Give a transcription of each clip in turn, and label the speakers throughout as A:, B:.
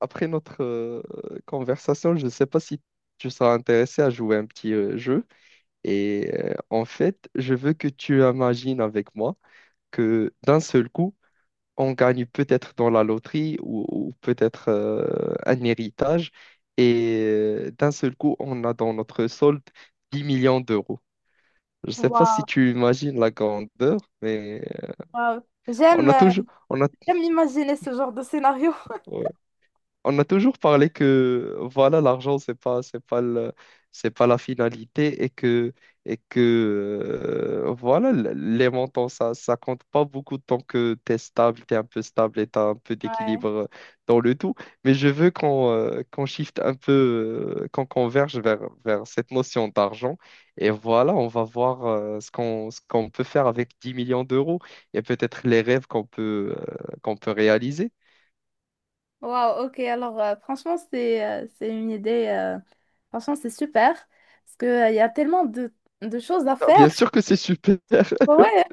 A: Après notre conversation, je ne sais pas si tu seras intéressé à jouer un petit jeu. Et en fait, je veux que tu imagines avec moi que d'un seul coup, on gagne peut-être dans la loterie ou peut-être un héritage. Et d'un seul coup, on a dans notre solde 10 millions d'euros. Je ne sais pas si
B: Waouh,
A: tu imagines la grandeur, mais
B: waouh.
A: on
B: J'aime,
A: a
B: euh,
A: toujours... On a...
B: j'aime imaginer ce genre de scénario.
A: on a toujours parlé que voilà, l'argent, c'est pas la finalité et que, et que voilà, les montants, ça compte pas beaucoup tant que tu es stable, tu es un peu stable et tu as un peu
B: Ouais.
A: d'équilibre dans le tout. Mais je veux qu'on shift un peu, qu'on converge vers cette notion d'argent. Et voilà, on va voir ce qu'on peut faire avec 10 millions d'euros et peut-être les rêves qu'on peut réaliser.
B: Wow, ok. Alors, franchement, c'est c'est une idée. Franchement, c'est super. Parce que il y a tellement de choses à
A: Ah,
B: faire.
A: bien sûr que c'est super.
B: Ouais,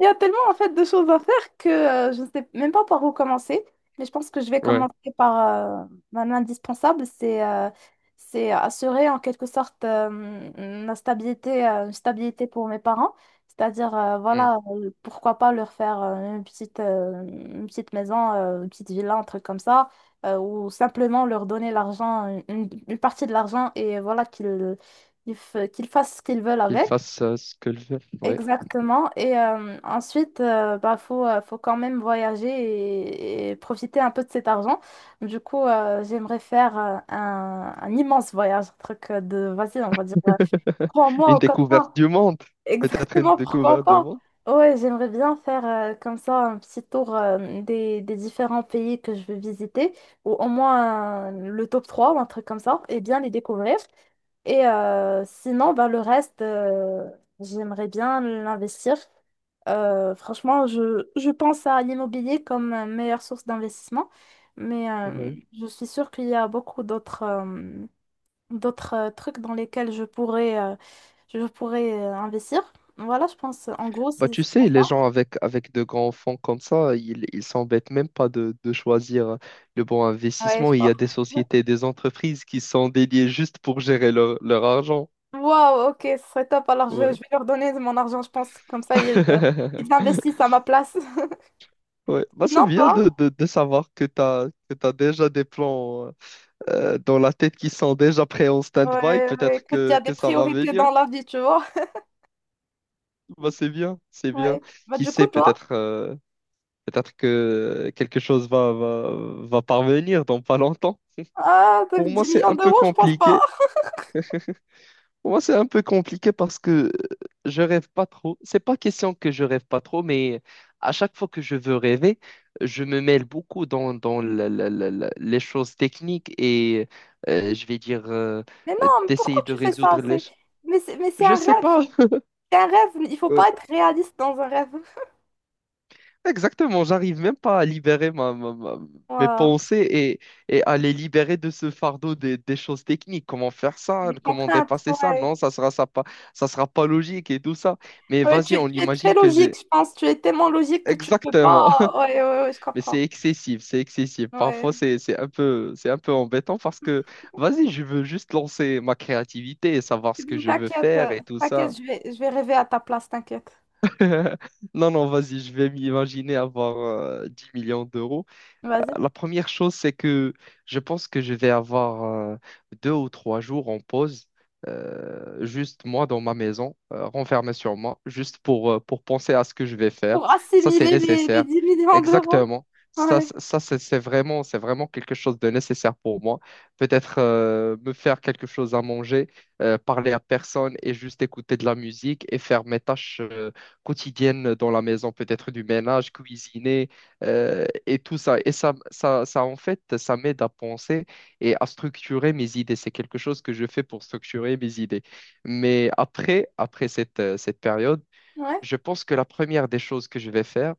B: il y a tellement en fait de choses à faire que je ne sais même pas par où commencer, mais je pense que je vais
A: Ouais.
B: commencer par un indispensable, c'est c'est assurer en quelque sorte, la stabilité, une stabilité pour mes parents, c'est-à-dire,
A: Hmm.
B: voilà, pourquoi pas leur faire une une petite maison, une petite villa, un truc comme ça, ou simplement leur donner l'argent, une partie de l'argent et voilà qu'ils qu'ils fassent ce qu'ils veulent
A: Qu'il
B: avec.
A: fasse ce que le veut. Ouais.
B: Exactement. Et ensuite, bah, faut quand même voyager et profiter un peu de cet argent. Du coup, j'aimerais faire un immense voyage, un truc de, vas-y, on va dire, trois mois
A: Une
B: ou quatre
A: découverte
B: mois.
A: du monde. Peut-être une
B: Exactement, pourquoi
A: découverte du
B: pas?
A: monde.
B: Ouais, j'aimerais bien faire comme ça un petit tour des différents pays que je veux visiter, ou au moins le top 3 ou un truc comme ça, et bien les découvrir. Et sinon, bah, le reste, j'aimerais bien l'investir. Franchement, je pense à l'immobilier comme meilleure source d'investissement, mais
A: Ouais.
B: je suis sûre qu'il y a beaucoup d'autres d'autres trucs dans lesquels je pourrais investir. Voilà, je pense, en gros,
A: Bah,
B: c'est
A: tu
B: c'est
A: sais, les
B: ça.
A: gens avec de grands fonds comme ça, ils s'embêtent même pas de choisir le bon
B: Ouais, je
A: investissement. Il y
B: pense.
A: a des sociétés, des entreprises qui sont dédiées juste pour gérer leur argent.
B: Wow, ok, ce serait top. Alors, je
A: Ouais.
B: vais leur donner de mon argent, je pense. Comme ça, ils, ils investissent à ma place.
A: Ouais. Bah, c'est
B: Sinon,
A: bien
B: toi?
A: de savoir que tu as, que tu déjà des plans dans la tête qui sont déjà prêts en stand-by.
B: Ouais, ouais,
A: Peut-être
B: écoute, il y
A: que,
B: a des
A: que ça va
B: priorités
A: venir.
B: dans la vie, tu vois.
A: Bah, c'est bien, c'est bien.
B: Ouais. Bah,
A: Qui
B: du coup,
A: sait,
B: toi,
A: peut-être que quelque chose va parvenir dans pas longtemps.
B: ah,
A: Pour
B: donc
A: moi,
B: 10
A: c'est
B: millions
A: un peu
B: d'euros, je pense pas.
A: compliqué. Pour moi, c'est un peu compliqué parce que je rêve pas trop. C'est pas question que je rêve pas trop, mais à chaque fois que je veux rêver, je me mêle beaucoup dans les choses techniques et je vais dire
B: Mais non, mais
A: d'essayer
B: pourquoi
A: de
B: tu fais ça?
A: résoudre.
B: C'est... Mais c'est, mais c'est
A: Je
B: un
A: sais
B: rêve.
A: pas.
B: C'est un rêve. Il faut pas être réaliste dans un rêve.
A: Exactement, j'arrive même pas à libérer mes
B: Voilà.
A: pensées et à les libérer de ce fardeau des choses techniques. Comment faire ça?
B: Des
A: Comment
B: contraintes,
A: dépasser ça?
B: ouais.
A: Non, ça sera pas logique et tout ça. Mais
B: Ouais,
A: vas-y,
B: tu,
A: on
B: tu es très
A: imagine que
B: logique,
A: j'ai
B: je pense. Tu es tellement logique que tu peux
A: exactement.
B: pas. Ouais, ouais, ouais, je
A: Mais
B: comprends.
A: c'est excessif, c'est excessif. Parfois,
B: Ouais.
A: c'est un peu embêtant parce que vas-y, je veux juste lancer ma créativité et savoir ce que je veux
B: T'inquiète,
A: faire et tout ça.
B: t'inquiète, je vais rêver à ta place, t'inquiète.
A: Non, non, vas-y, je vais m'imaginer avoir 10 millions d'euros.
B: Vas-y.
A: La première chose, c'est que je pense que je vais avoir deux ou trois jours en pause, juste moi dans ma maison, renfermé sur moi, juste pour penser à ce que je vais faire.
B: Pour
A: Ça, c'est
B: assimiler les
A: nécessaire.
B: 10 millions d'euros.
A: Exactement. Ça,
B: Ouais,
A: c'est vraiment, c'est vraiment quelque chose de nécessaire pour moi. Peut-être me faire quelque chose à manger, parler à personne et juste écouter de la musique et faire mes tâches quotidiennes dans la maison, peut-être du ménage, cuisiner et tout ça. Et ça, en fait, ça m'aide à penser et à structurer mes idées. C'est quelque chose que je fais pour structurer mes idées. Mais après cette période,
B: ouais.
A: je pense que la première des choses que je vais faire,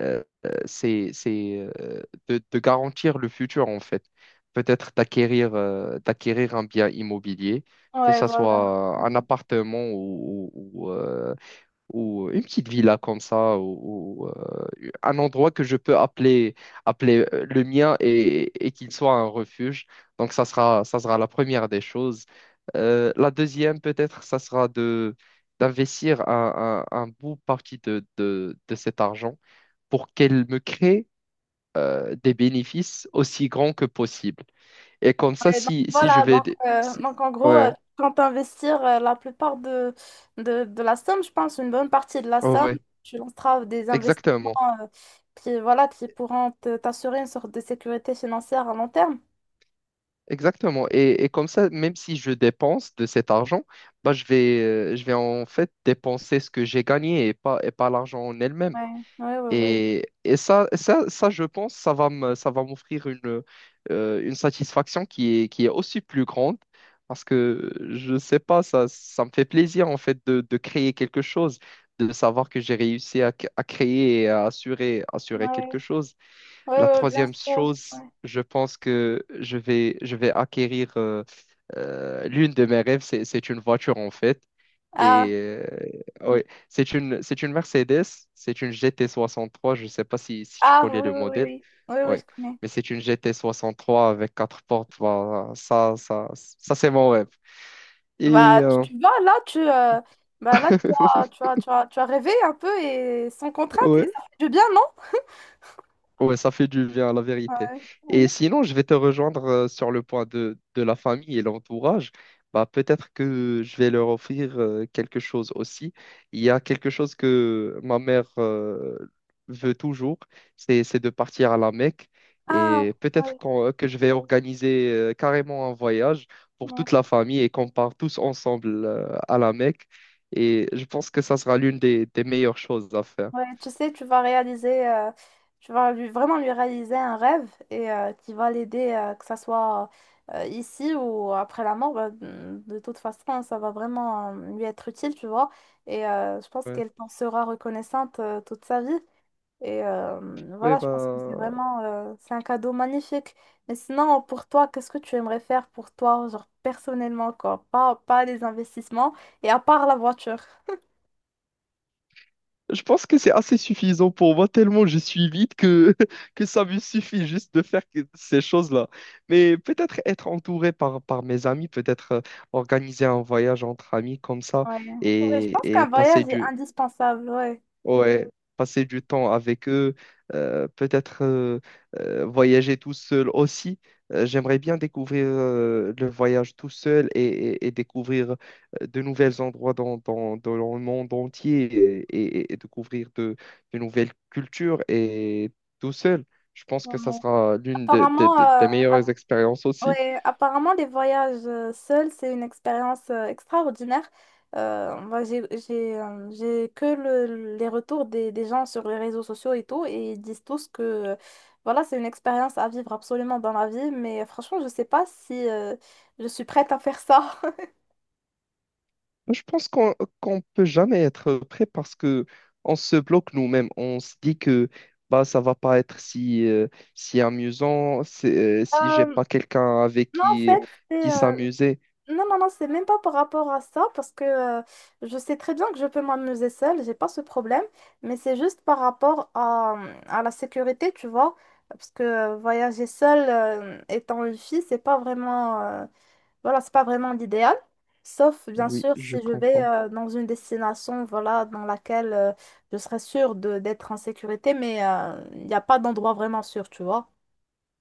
A: c'est de garantir le futur, en fait. Peut-être d'acquérir un bien immobilier, que
B: Ouais,
A: ce
B: voilà.
A: soit un
B: Mm.
A: appartement ou une petite villa comme ça, un endroit que je peux appeler le mien et qu'il soit un refuge. Donc, ça sera la première des choses. La deuxième, peut-être, ça sera d'investir un bout partie de cet argent pour qu'elle me crée des bénéfices aussi grands que possible. Et comme ça,
B: Et donc,
A: si, si je
B: voilà,
A: vais... si-
B: donc en gros,
A: Ouais,
B: quand tu investis la plupart de, de la somme, je pense une bonne partie de la somme,
A: ouais,
B: tu lanceras des investissements
A: exactement.
B: euh, qui, voilà, qui pourront t'assurer une sorte de sécurité financière à long terme.
A: Exactement. Et comme ça, même si je dépense de cet argent, bah, je vais en fait dépenser ce que j'ai gagné et pas l'argent en elle-même.
B: Ouais, ouais, ouais, ouais.
A: Et ça, je pense, ça va m'offrir une satisfaction qui est aussi plus grande parce que je sais pas, ça me fait plaisir en fait de créer quelque chose, de savoir que j'ai réussi à créer et à assurer
B: Ouais,
A: quelque chose.
B: ouais,
A: La
B: ouais, bien
A: troisième
B: sûr.
A: chose,
B: Ouais.
A: je pense que je vais acquérir l'une de mes rêves, c'est une voiture en fait. Et
B: Ah,
A: ouais, c'est une Mercedes, c'est une GT63, je ne sais pas si tu
B: ah, oui,
A: connais
B: oui,
A: le
B: oui,
A: modèle.
B: oui, oui, oui,
A: Ouais,
B: je connais.
A: mais c'est une GT63 avec quatre portes. Voilà, ça c'est mon rêve. Et
B: Bah, tu vois, là, tu, bah, là, tu as rêvé un peu et sans contrainte, et
A: ouais.
B: ça fait du bien, non?
A: Ouais, ça fait du bien, la vérité.
B: Ouais. Ouais.
A: Et sinon, je vais te rejoindre sur le point de la famille et l'entourage. Bah, peut-être que je vais leur offrir quelque chose aussi. Il y a quelque chose que ma mère veut toujours, c'est de partir à la Mecque.
B: Ah,
A: Et peut-être que je vais organiser carrément un voyage pour
B: oui.
A: toute la famille et qu'on part tous ensemble à la Mecque. Et je pense que ça sera l'une des meilleures choses à faire.
B: Ouais, tu sais, tu vas réaliser, tu vas lui, vraiment lui réaliser un rêve et qui va l'aider, que ça soit ici ou après la mort. Bah, de toute façon, hein, ça va vraiment lui être utile, tu vois. Et je pense
A: Ouais,
B: qu'elle t'en sera reconnaissante toute sa vie. Et
A: ouais,
B: voilà, je pense que c'est
A: bah.
B: vraiment, c'est un cadeau magnifique. Mais sinon, pour toi, qu'est-ce que tu aimerais faire pour toi, genre personnellement, quoi? Pas, pas les investissements et à part la voiture.
A: Je pense que c'est assez suffisant pour moi, tellement je suis vite que, que ça me suffit juste de faire ces choses-là. Mais peut-être être entouré par mes amis, peut-être organiser un voyage entre amis comme ça
B: Ouais. Ouais, je pense
A: et
B: qu'un voyage est indispensable, ouais.
A: Ouais, passer du temps avec eux, peut-être voyager tout seul aussi. J'aimerais bien découvrir le voyage tout seul et découvrir de nouveaux endroits dans le monde entier et découvrir de nouvelles cultures et tout seul. Je pense que ça
B: Ouais.
A: sera l'une de- de-
B: Apparemment,
A: de- des meilleures expériences aussi.
B: ouais, apparemment, les voyages seuls, c'est une expérience extraordinaire. Moi, j'ai que les retours des gens sur les réseaux sociaux et tout, et ils disent tous que voilà, c'est une expérience à vivre absolument dans la vie, mais franchement, je sais pas si je suis prête à faire ça.
A: Je pense qu'on peut jamais être prêt parce que on se bloque nous-mêmes. On se dit que bah ça va pas être si amusant si j'ai
B: Euh,
A: pas quelqu'un avec
B: non, en
A: qui
B: fait,
A: qui s'amuser.
B: non, non, non, c'est même pas par rapport à ça, parce que je sais très bien que je peux m'amuser seule, j'ai pas ce problème, mais c'est juste par rapport à la sécurité, tu vois, parce que voyager seule, étant une fille, c'est pas vraiment, voilà, c'est pas vraiment l'idéal, sauf bien
A: Oui,
B: sûr
A: je
B: si je vais
A: comprends.
B: dans une destination, voilà, dans laquelle je serais sûre de, d'être en sécurité, mais il n'y a pas d'endroit vraiment sûr, tu vois.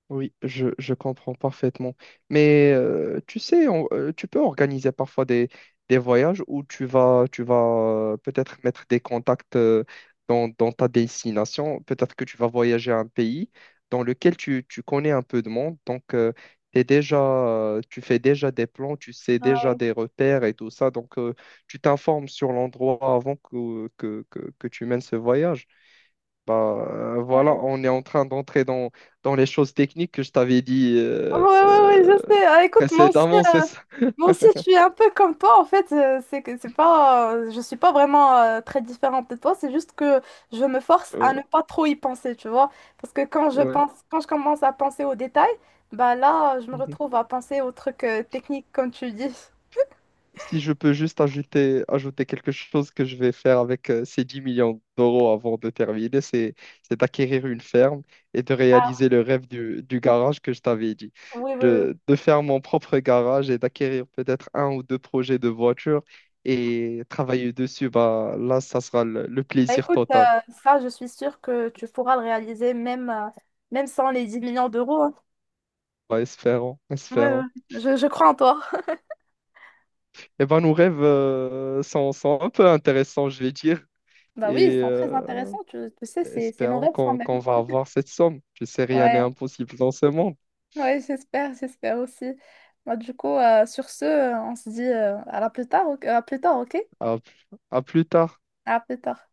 A: Oui, je comprends parfaitement. Mais tu sais, tu peux organiser parfois des voyages où tu vas peut-être mettre des contacts dans ta destination. Peut-être que tu vas voyager à un pays dans lequel tu connais un peu de monde. Donc, t'es déjà, tu fais déjà des plans, tu sais déjà
B: Ouais,
A: des repères et tout ça. Donc, tu t'informes sur l'endroit avant que tu mènes ce voyage. Bah, voilà,
B: ouais,
A: on est en train d'entrer dans les choses techniques que je t'avais dit
B: ouais, ouais, ouais, je sais. Ah, écoute,
A: précédemment, c'est ça.
B: moi aussi, je suis un peu comme toi, en fait. Euh, c'est que c'est pas, je suis pas vraiment très différente de toi. C'est juste que je me force à
A: Ouais,
B: ne pas trop y penser, tu vois. Parce que quand je
A: ouais.
B: pense, quand je commence à penser aux détails, bah là, je me
A: Mhm.
B: retrouve à penser aux trucs techniques, comme tu dis.
A: Si je peux juste ajouter quelque chose que je vais faire avec ces 10 millions d'euros avant de terminer, c'est d'acquérir une ferme et de
B: Ah,
A: réaliser le rêve du garage que je t'avais dit.
B: oui, oui, oui.
A: De faire mon propre garage et d'acquérir peut-être un ou deux projets de voitures et travailler dessus, bah, là, ça sera le
B: Bah,
A: plaisir
B: écoute,
A: total.
B: ça, je suis sûre que tu pourras le réaliser, même, même sans les 10 millions d'euros. Hein.
A: Ouais, espérons,
B: Ouais, ouais.
A: espérons.
B: Je crois en toi.
A: Eh ben, nos rêves sont un peu intéressants, je vais dire.
B: Bah oui,
A: Et
B: ils sont très intéressants, tu sais, c'est nos
A: espérons
B: rêves quand
A: qu'on
B: même.
A: qu'on va avoir cette somme. Je sais, rien n'est
B: Ouais,
A: impossible dans ce monde.
B: ouais, j'espère, j'espère aussi. Bah du coup, sur ce, on se dit à plus tard, ok?
A: À, à plus tard.
B: À plus tard.